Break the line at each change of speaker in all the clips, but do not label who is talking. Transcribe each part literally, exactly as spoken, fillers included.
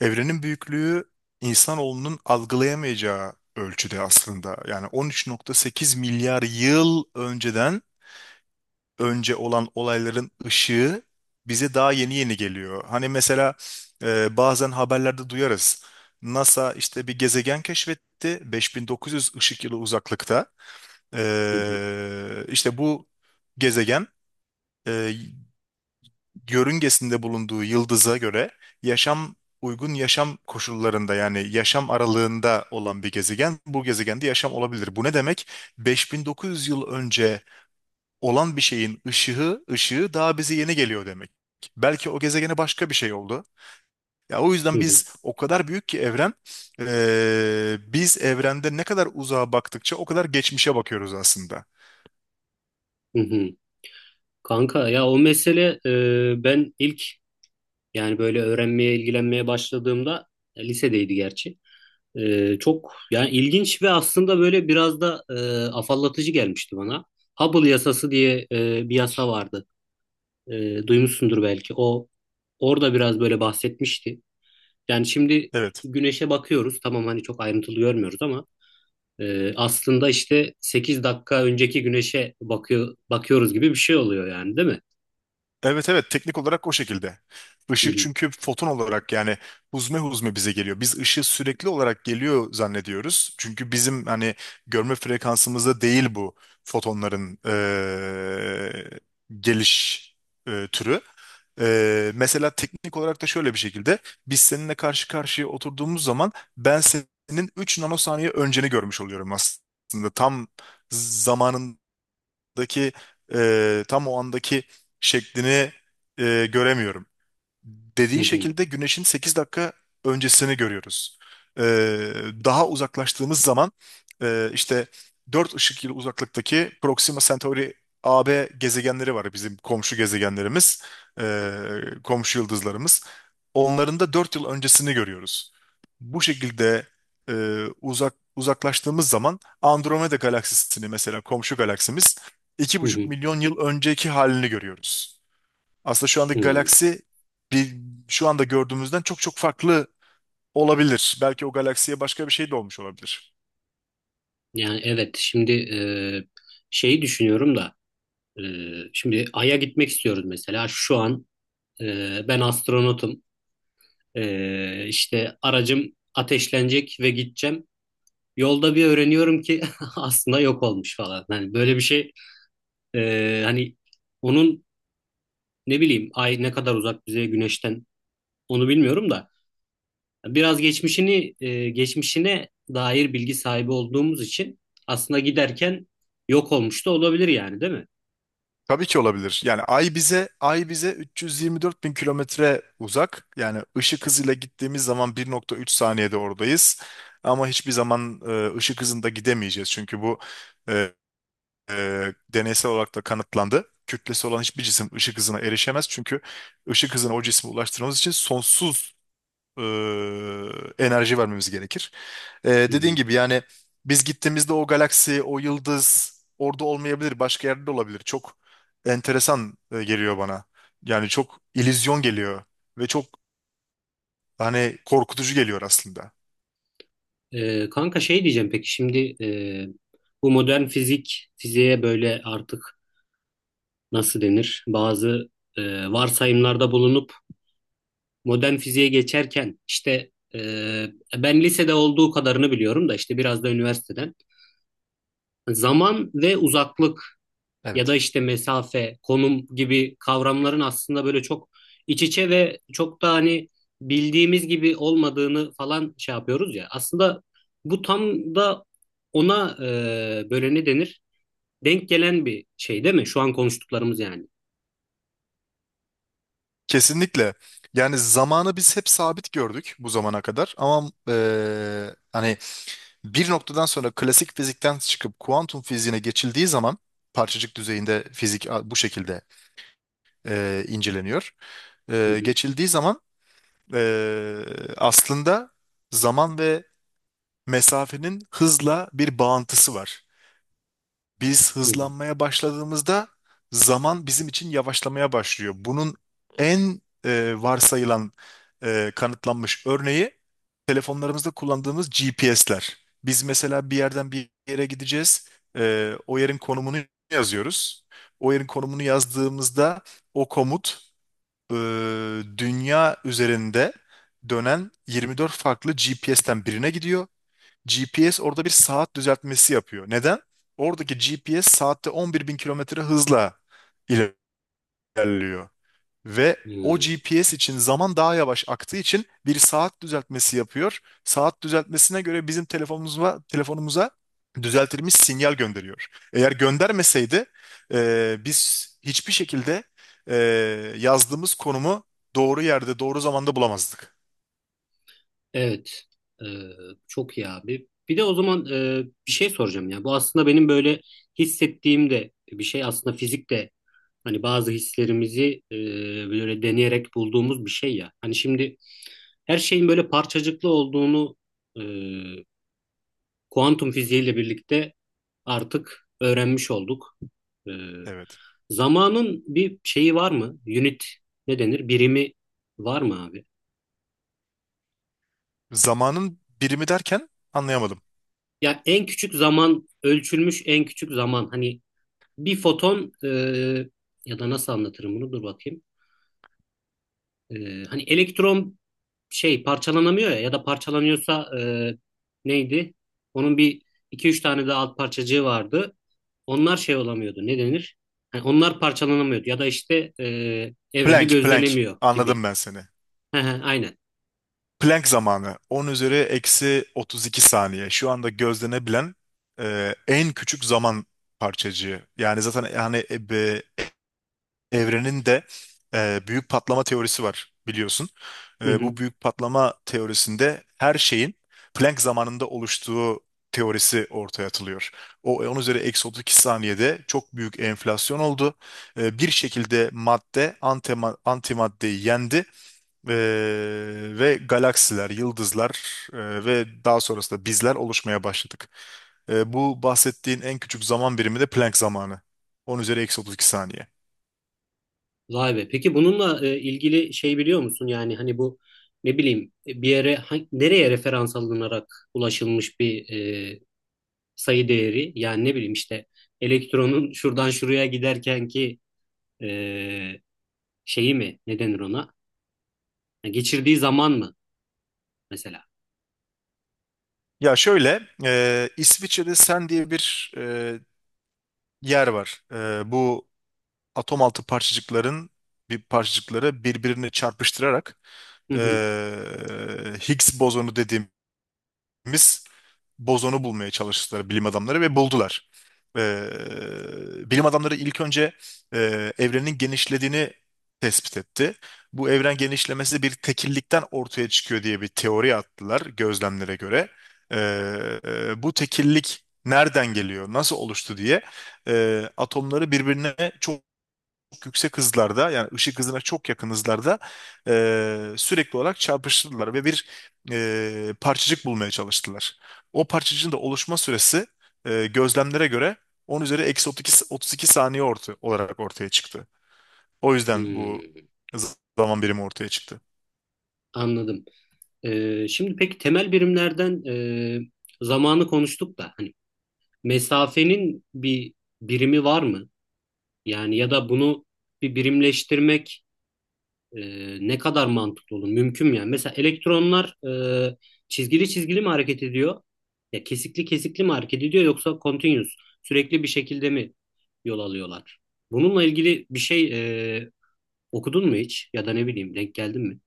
Evrenin büyüklüğü insanoğlunun algılayamayacağı ölçüde aslında. Yani on üç nokta sekiz milyar yıl önceden önce olan olayların ışığı bize daha yeni yeni geliyor. Hani mesela e, bazen haberlerde duyarız. NASA işte bir gezegen keşfetti beş bin dokuz yüz ışık yılı uzaklıkta.
Hı hı,
E, işte bu gezegen e, yörüngesinde bulunduğu yıldıza göre yaşam uygun yaşam koşullarında, yani yaşam aralığında olan bir gezegen, bu gezegende yaşam olabilir. Bu ne demek? beş bin dokuz yüz yıl önce olan bir şeyin ışığı ışığı daha bize yeni geliyor demek. Belki o gezegene başka bir şey oldu. Ya o
hı
yüzden
hı,
biz, o kadar büyük ki evren, eee, biz evrende ne kadar uzağa baktıkça o kadar geçmişe bakıyoruz aslında.
hı hı. Kanka, ya o mesele e, ben ilk, yani böyle öğrenmeye ilgilenmeye başladığımda e, lisedeydi gerçi. E, çok yani ilginç ve aslında böyle biraz da e, afallatıcı gelmişti bana. Hubble yasası diye e, bir yasa vardı. E, duymuşsundur belki. O orada biraz böyle bahsetmişti. Yani şimdi
Evet.
güneşe bakıyoruz. Tamam hani çok ayrıntılı görmüyoruz ama e, aslında işte sekiz dakika önceki güneşe bakıyor bakıyoruz gibi bir şey oluyor yani, değil mi?
Evet, evet, teknik olarak o şekilde.
Hı
Işık
hı,
çünkü foton olarak, yani huzme huzme bize geliyor. Biz ışığı sürekli olarak geliyor zannediyoruz. Çünkü bizim hani görme frekansımızda değil bu fotonların eee, geliş eee, türü. Eee, mesela teknik olarak da şöyle bir şekilde, biz seninle karşı karşıya oturduğumuz zaman ben senin üç nanosaniye önceni görmüş oluyorum aslında. Tam zamanında andaki, e, tam o andaki şeklini e, göremiyorum.
hı
Dediğin
hı,
şekilde güneşin sekiz dakika öncesini görüyoruz. E, daha uzaklaştığımız zaman, e, işte dört ışık yılı uzaklıktaki Proxima Centauri A B gezegenleri var, bizim komşu gezegenlerimiz, e, komşu yıldızlarımız. Onların da dört yıl öncesini görüyoruz. Bu şekilde e, uzak uzaklaştığımız zaman, Andromeda galaksisini, mesela komşu galaksimiz, iki
hı
buçuk
hı,
milyon yıl önceki halini görüyoruz. Aslında şu andaki
hı.
galaksi bir, şu anda gördüğümüzden çok çok farklı olabilir. Belki o galaksiye başka bir şey de olmuş olabilir.
Yani evet, şimdi e, şeyi düşünüyorum da e, şimdi Ay'a gitmek istiyoruz mesela, şu an e, ben astronotum. E, işte aracım ateşlenecek ve gideceğim, yolda bir öğreniyorum ki aslında yok olmuş falan, hani böyle bir şey, e, hani onun, ne bileyim, Ay ne kadar uzak bize Güneş'ten, onu bilmiyorum da biraz geçmişini e, geçmişine dair bilgi sahibi olduğumuz için aslında giderken yok olmuş da olabilir yani, değil mi?
Tabii ki olabilir. Yani Ay bize Ay bize üç yüz yirmi dört bin kilometre uzak. Yani ışık hızıyla gittiğimiz zaman bir nokta üç saniyede oradayız. Ama hiçbir zaman e, ışık hızında gidemeyeceğiz. Çünkü bu e, e, deneysel olarak da kanıtlandı. Kütlesi olan hiçbir cisim ışık hızına erişemez. Çünkü ışık hızına o cismi ulaştırmamız için sonsuz e, enerji vermemiz gerekir. E,
Hı hı.
dediğin gibi yani, biz gittiğimizde o galaksi, o yıldız orada olmayabilir, başka yerde de olabilir. Çok enteresan e, geliyor bana. Yani çok illüzyon geliyor ve çok, Hani korkutucu geliyor aslında.
E, kanka, şey diyeceğim, peki şimdi e, bu modern fizik fiziğe böyle artık nasıl denir? Bazı e, varsayımlarda bulunup modern fiziğe geçerken işte e, ben lisede olduğu kadarını biliyorum da işte biraz da üniversiteden zaman ve uzaklık ya da
Evet.
işte mesafe, konum gibi kavramların aslında böyle çok iç içe ve çok da hani bildiğimiz gibi olmadığını falan şey yapıyoruz ya. Aslında bu tam da ona e, böyle ne denir? Denk gelen bir şey değil mi? Şu an konuştuklarımız yani.
Kesinlikle. Yani zamanı biz hep sabit gördük bu zamana kadar, ama eee, hani bir noktadan sonra klasik fizikten çıkıp kuantum fiziğine geçildiği zaman, parçacık düzeyinde fizik a- bu şekilde eee, inceleniyor.
Hı
Eee,
hı.
geçildiği zaman, Ee, aslında zaman ve mesafenin hızla bir bağıntısı var. Biz
Hı hı.
hızlanmaya başladığımızda zaman bizim için yavaşlamaya başlıyor. Bunun en e, varsayılan, e, kanıtlanmış örneği telefonlarımızda kullandığımız G P S'ler. Biz mesela bir yerden bir yere gideceğiz. Ee, o yerin konumunu yazıyoruz. O yerin konumunu yazdığımızda o komut eee, dünya üzerinde dönen yirmi dört farklı G P S'ten birine gidiyor. G P S orada bir saat düzeltmesi yapıyor. Neden? Oradaki G P S saatte on bir bin kilometre hızla ilerliyor. Ve o
Hı.
G P S için zaman daha yavaş aktığı için bir saat düzeltmesi yapıyor. Saat düzeltmesine göre bizim telefonumuza, telefonumuza düzeltilmiş sinyal gönderiyor. Eğer göndermeseydi e, biz hiçbir şekilde e, yazdığımız konumu doğru yerde, doğru zamanda bulamazdık.
Evet. Ee, Çok iyi abi. Bir de o zaman e, bir şey soracağım ya. Bu aslında benim böyle hissettiğim de bir şey, aslında fizik de hani bazı hislerimizi e, böyle deneyerek bulduğumuz bir şey ya. Hani şimdi her şeyin böyle parçacıklı olduğunu e, kuantum fiziğiyle birlikte artık öğrenmiş olduk. E,
Evet.
Zamanın bir şeyi var mı? Unit, ne denir? Birimi var mı abi?
Zamanın birimi derken anlayamadım.
Ya en küçük zaman, ölçülmüş en küçük zaman, hani bir foton, e, ya da nasıl anlatırım bunu, dur bakayım. E, Hani elektron, şey, parçalanamıyor ya ya da parçalanıyorsa e, neydi? Onun bir iki üç tane de alt parçacığı vardı. Onlar şey olamıyordu, ne denir? Hani onlar parçalanamıyordu ya da işte e, evrende
Plank, plank.
gözlenemiyor
Anladım
gibi.
ben seni.
Hı hı, aynen.
Planck zamanı on üzeri eksi otuz iki saniye. Şu anda gözlenebilen e, en küçük zaman parçacığı. Yani zaten, yani e, be- evrenin de e, büyük patlama teorisi var biliyorsun.
Hı
E, bu
hı.
büyük patlama teorisinde her şeyin Planck zamanında oluştuğu teorisi ortaya atılıyor. O on üzeri eksi otuz iki saniyede çok büyük enflasyon oldu. E, bir şekilde madde antima- antimaddeyi yendi, ee, ve galaksiler, yıldızlar e, ve daha sonrasında bizler oluşmaya başladık. E, bu bahsettiğin en küçük zaman birimi de Planck zamanı. On üzeri eksi otuz iki saniye.
Vay be. Peki bununla e, ilgili şey biliyor musun? Yani hani bu, ne bileyim, e, bir yere ha- nereye referans alınarak ulaşılmış bir e, sayı değeri? Yani ne bileyim işte elektronun şuradan şuraya giderken ki e, şeyi mi? Ne denir ona? Yani geçirdiği zaman mı mesela?
Ya şöyle, e, İsviçre'de Sen diye bir e, yer var. E, bu atom altı parçacıkların bir parçacıkları birbirine çarpıştırarak,
Hı
e,
hı.
Higgs bozonu dediğim biz bozonu bulmaya çalıştılar bilim adamları ve buldular. Ee, bilim adamları ilk önce e, evrenin genişlediğini tespit etti. Bu evren genişlemesi bir tekillikten ortaya çıkıyor diye bir teori attılar gözlemlere göre. Ee, e, bu tekillik nereden geliyor, nasıl oluştu diye e, atomları birbirine çok yüksek hızlarda, yani ışık hızına çok yakın hızlarda, e, sürekli olarak çarpıştırdılar ve bir e, parçacık bulmaya çalıştılar. O parçacığın da oluşma süresi e, gözlemlere göre on üzeri eksi otuz iki, otuz iki saniye orta, olarak ortaya çıktı. O yüzden bu
Hmm,
z- zaman birimi ortaya çıktı.
anladım. E, şimdi peki temel birimlerden e, zamanı konuştuk da hani mesafenin bir birimi var mı? Yani ya da bunu bir birimleştirmek e, ne kadar mantıklı olur? Mümkün mü yani? Mesela elektronlar e, çizgili çizgili mi hareket ediyor? Ya kesikli kesikli mi hareket ediyor yoksa continuous, sürekli bir şekilde mi yol alıyorlar? Bununla ilgili bir şey e, okudun mu hiç? Ya da ne bileyim denk geldin mi?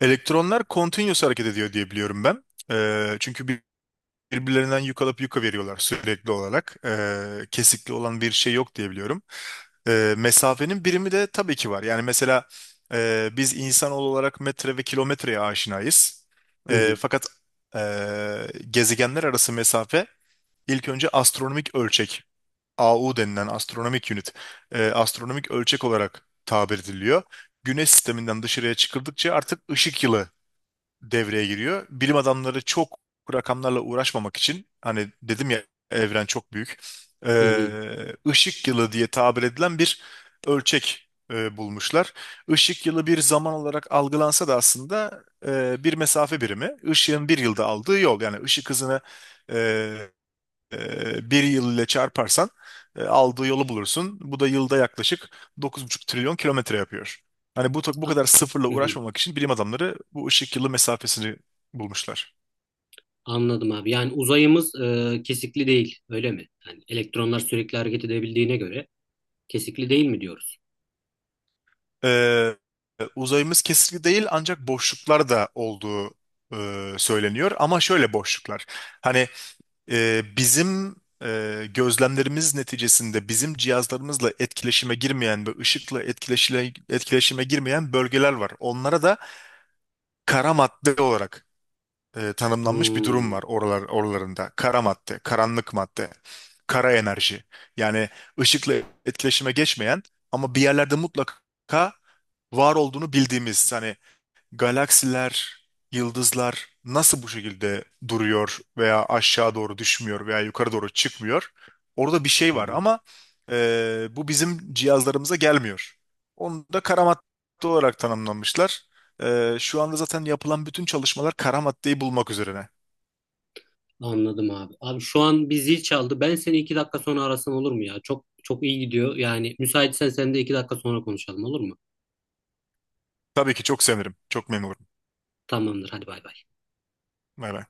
Elektronlar continuous hareket ediyor diye biliyorum ben. E, çünkü bir- birbirlerinden yük alıp yuka veriyorlar sürekli olarak. E, kesikli olan bir şey yok diye biliyorum. E, mesafenin birimi de tabii ki var. Yani mesela e, biz insan olarak metre ve kilometreye aşinayız.
Hı
E,
hı,
fakat e, gezegenler arası mesafe ilk önce astronomik ölçek, A U denilen astronomik unit, e, astronomik ölçek olarak tabir ediliyor. Güneş sisteminden dışarıya çıkıldıkça artık ışık yılı devreye giriyor. Bilim adamları çok rakamlarla uğraşmamak için, hani dedim ya, evren çok büyük.
hı hı.
Ee, ışık yılı diye tabir edilen bir ölçek e, bulmuşlar. Işık yılı bir zaman olarak algılansa da aslında e, bir mesafe birimi. Işığın bir yılda aldığı yol, yani ışık hızını e, bir yıl ile çarparsan e, aldığı yolu bulursun. Bu da yılda yaklaşık dokuz buçuk trilyon kilometre yapıyor. Hani bu, bu
A-
kadar sıfırla
hı hı.
uğraşmamak için bilim adamları bu ışık yılı mesafesini bulmuşlar.
Anladım abi. Yani uzayımız e, kesikli değil, öyle mi? Yani elektronlar sürekli hareket edebildiğine göre kesikli değil mi diyoruz?
E, uzayımız kesikli değil, ancak boşluklar da olduğu e, söyleniyor. Ama şöyle boşluklar. Hani e, bizim e, gözlemlerimiz neticesinde bizim cihazlarımızla etkileşime girmeyen ve ışıkla etkileşile, etkileşime girmeyen bölgeler var. Onlara da kara madde olarak e, tanımlanmış bir durum
Hmm.
var oralar, oralarında. Kara madde, karanlık madde, kara enerji. Yani ışıkla etkileşime geçmeyen ama bir yerlerde mutlaka var olduğunu bildiğimiz, hani galaksiler, yıldızlar nasıl bu şekilde duruyor veya aşağı doğru düşmüyor veya yukarı doğru çıkmıyor? Orada bir şey
Hı
var
hı.
ama e, bu bizim cihazlarımıza gelmiyor. Onu da kara madde olarak tanımlamışlar. E, şu anda zaten yapılan bütün çalışmalar kara maddeyi bulmak üzerine.
Anladım abi. Abi şu an bir zil çaldı. Ben seni iki dakika sonra arasam olur mu ya? Çok çok iyi gidiyor. Yani müsaitsen sen de iki dakika sonra konuşalım, olur mu?
Tabii ki çok sevinirim. Çok memnun olurum.
Tamamdır. Hadi bay bay.
Bay bay.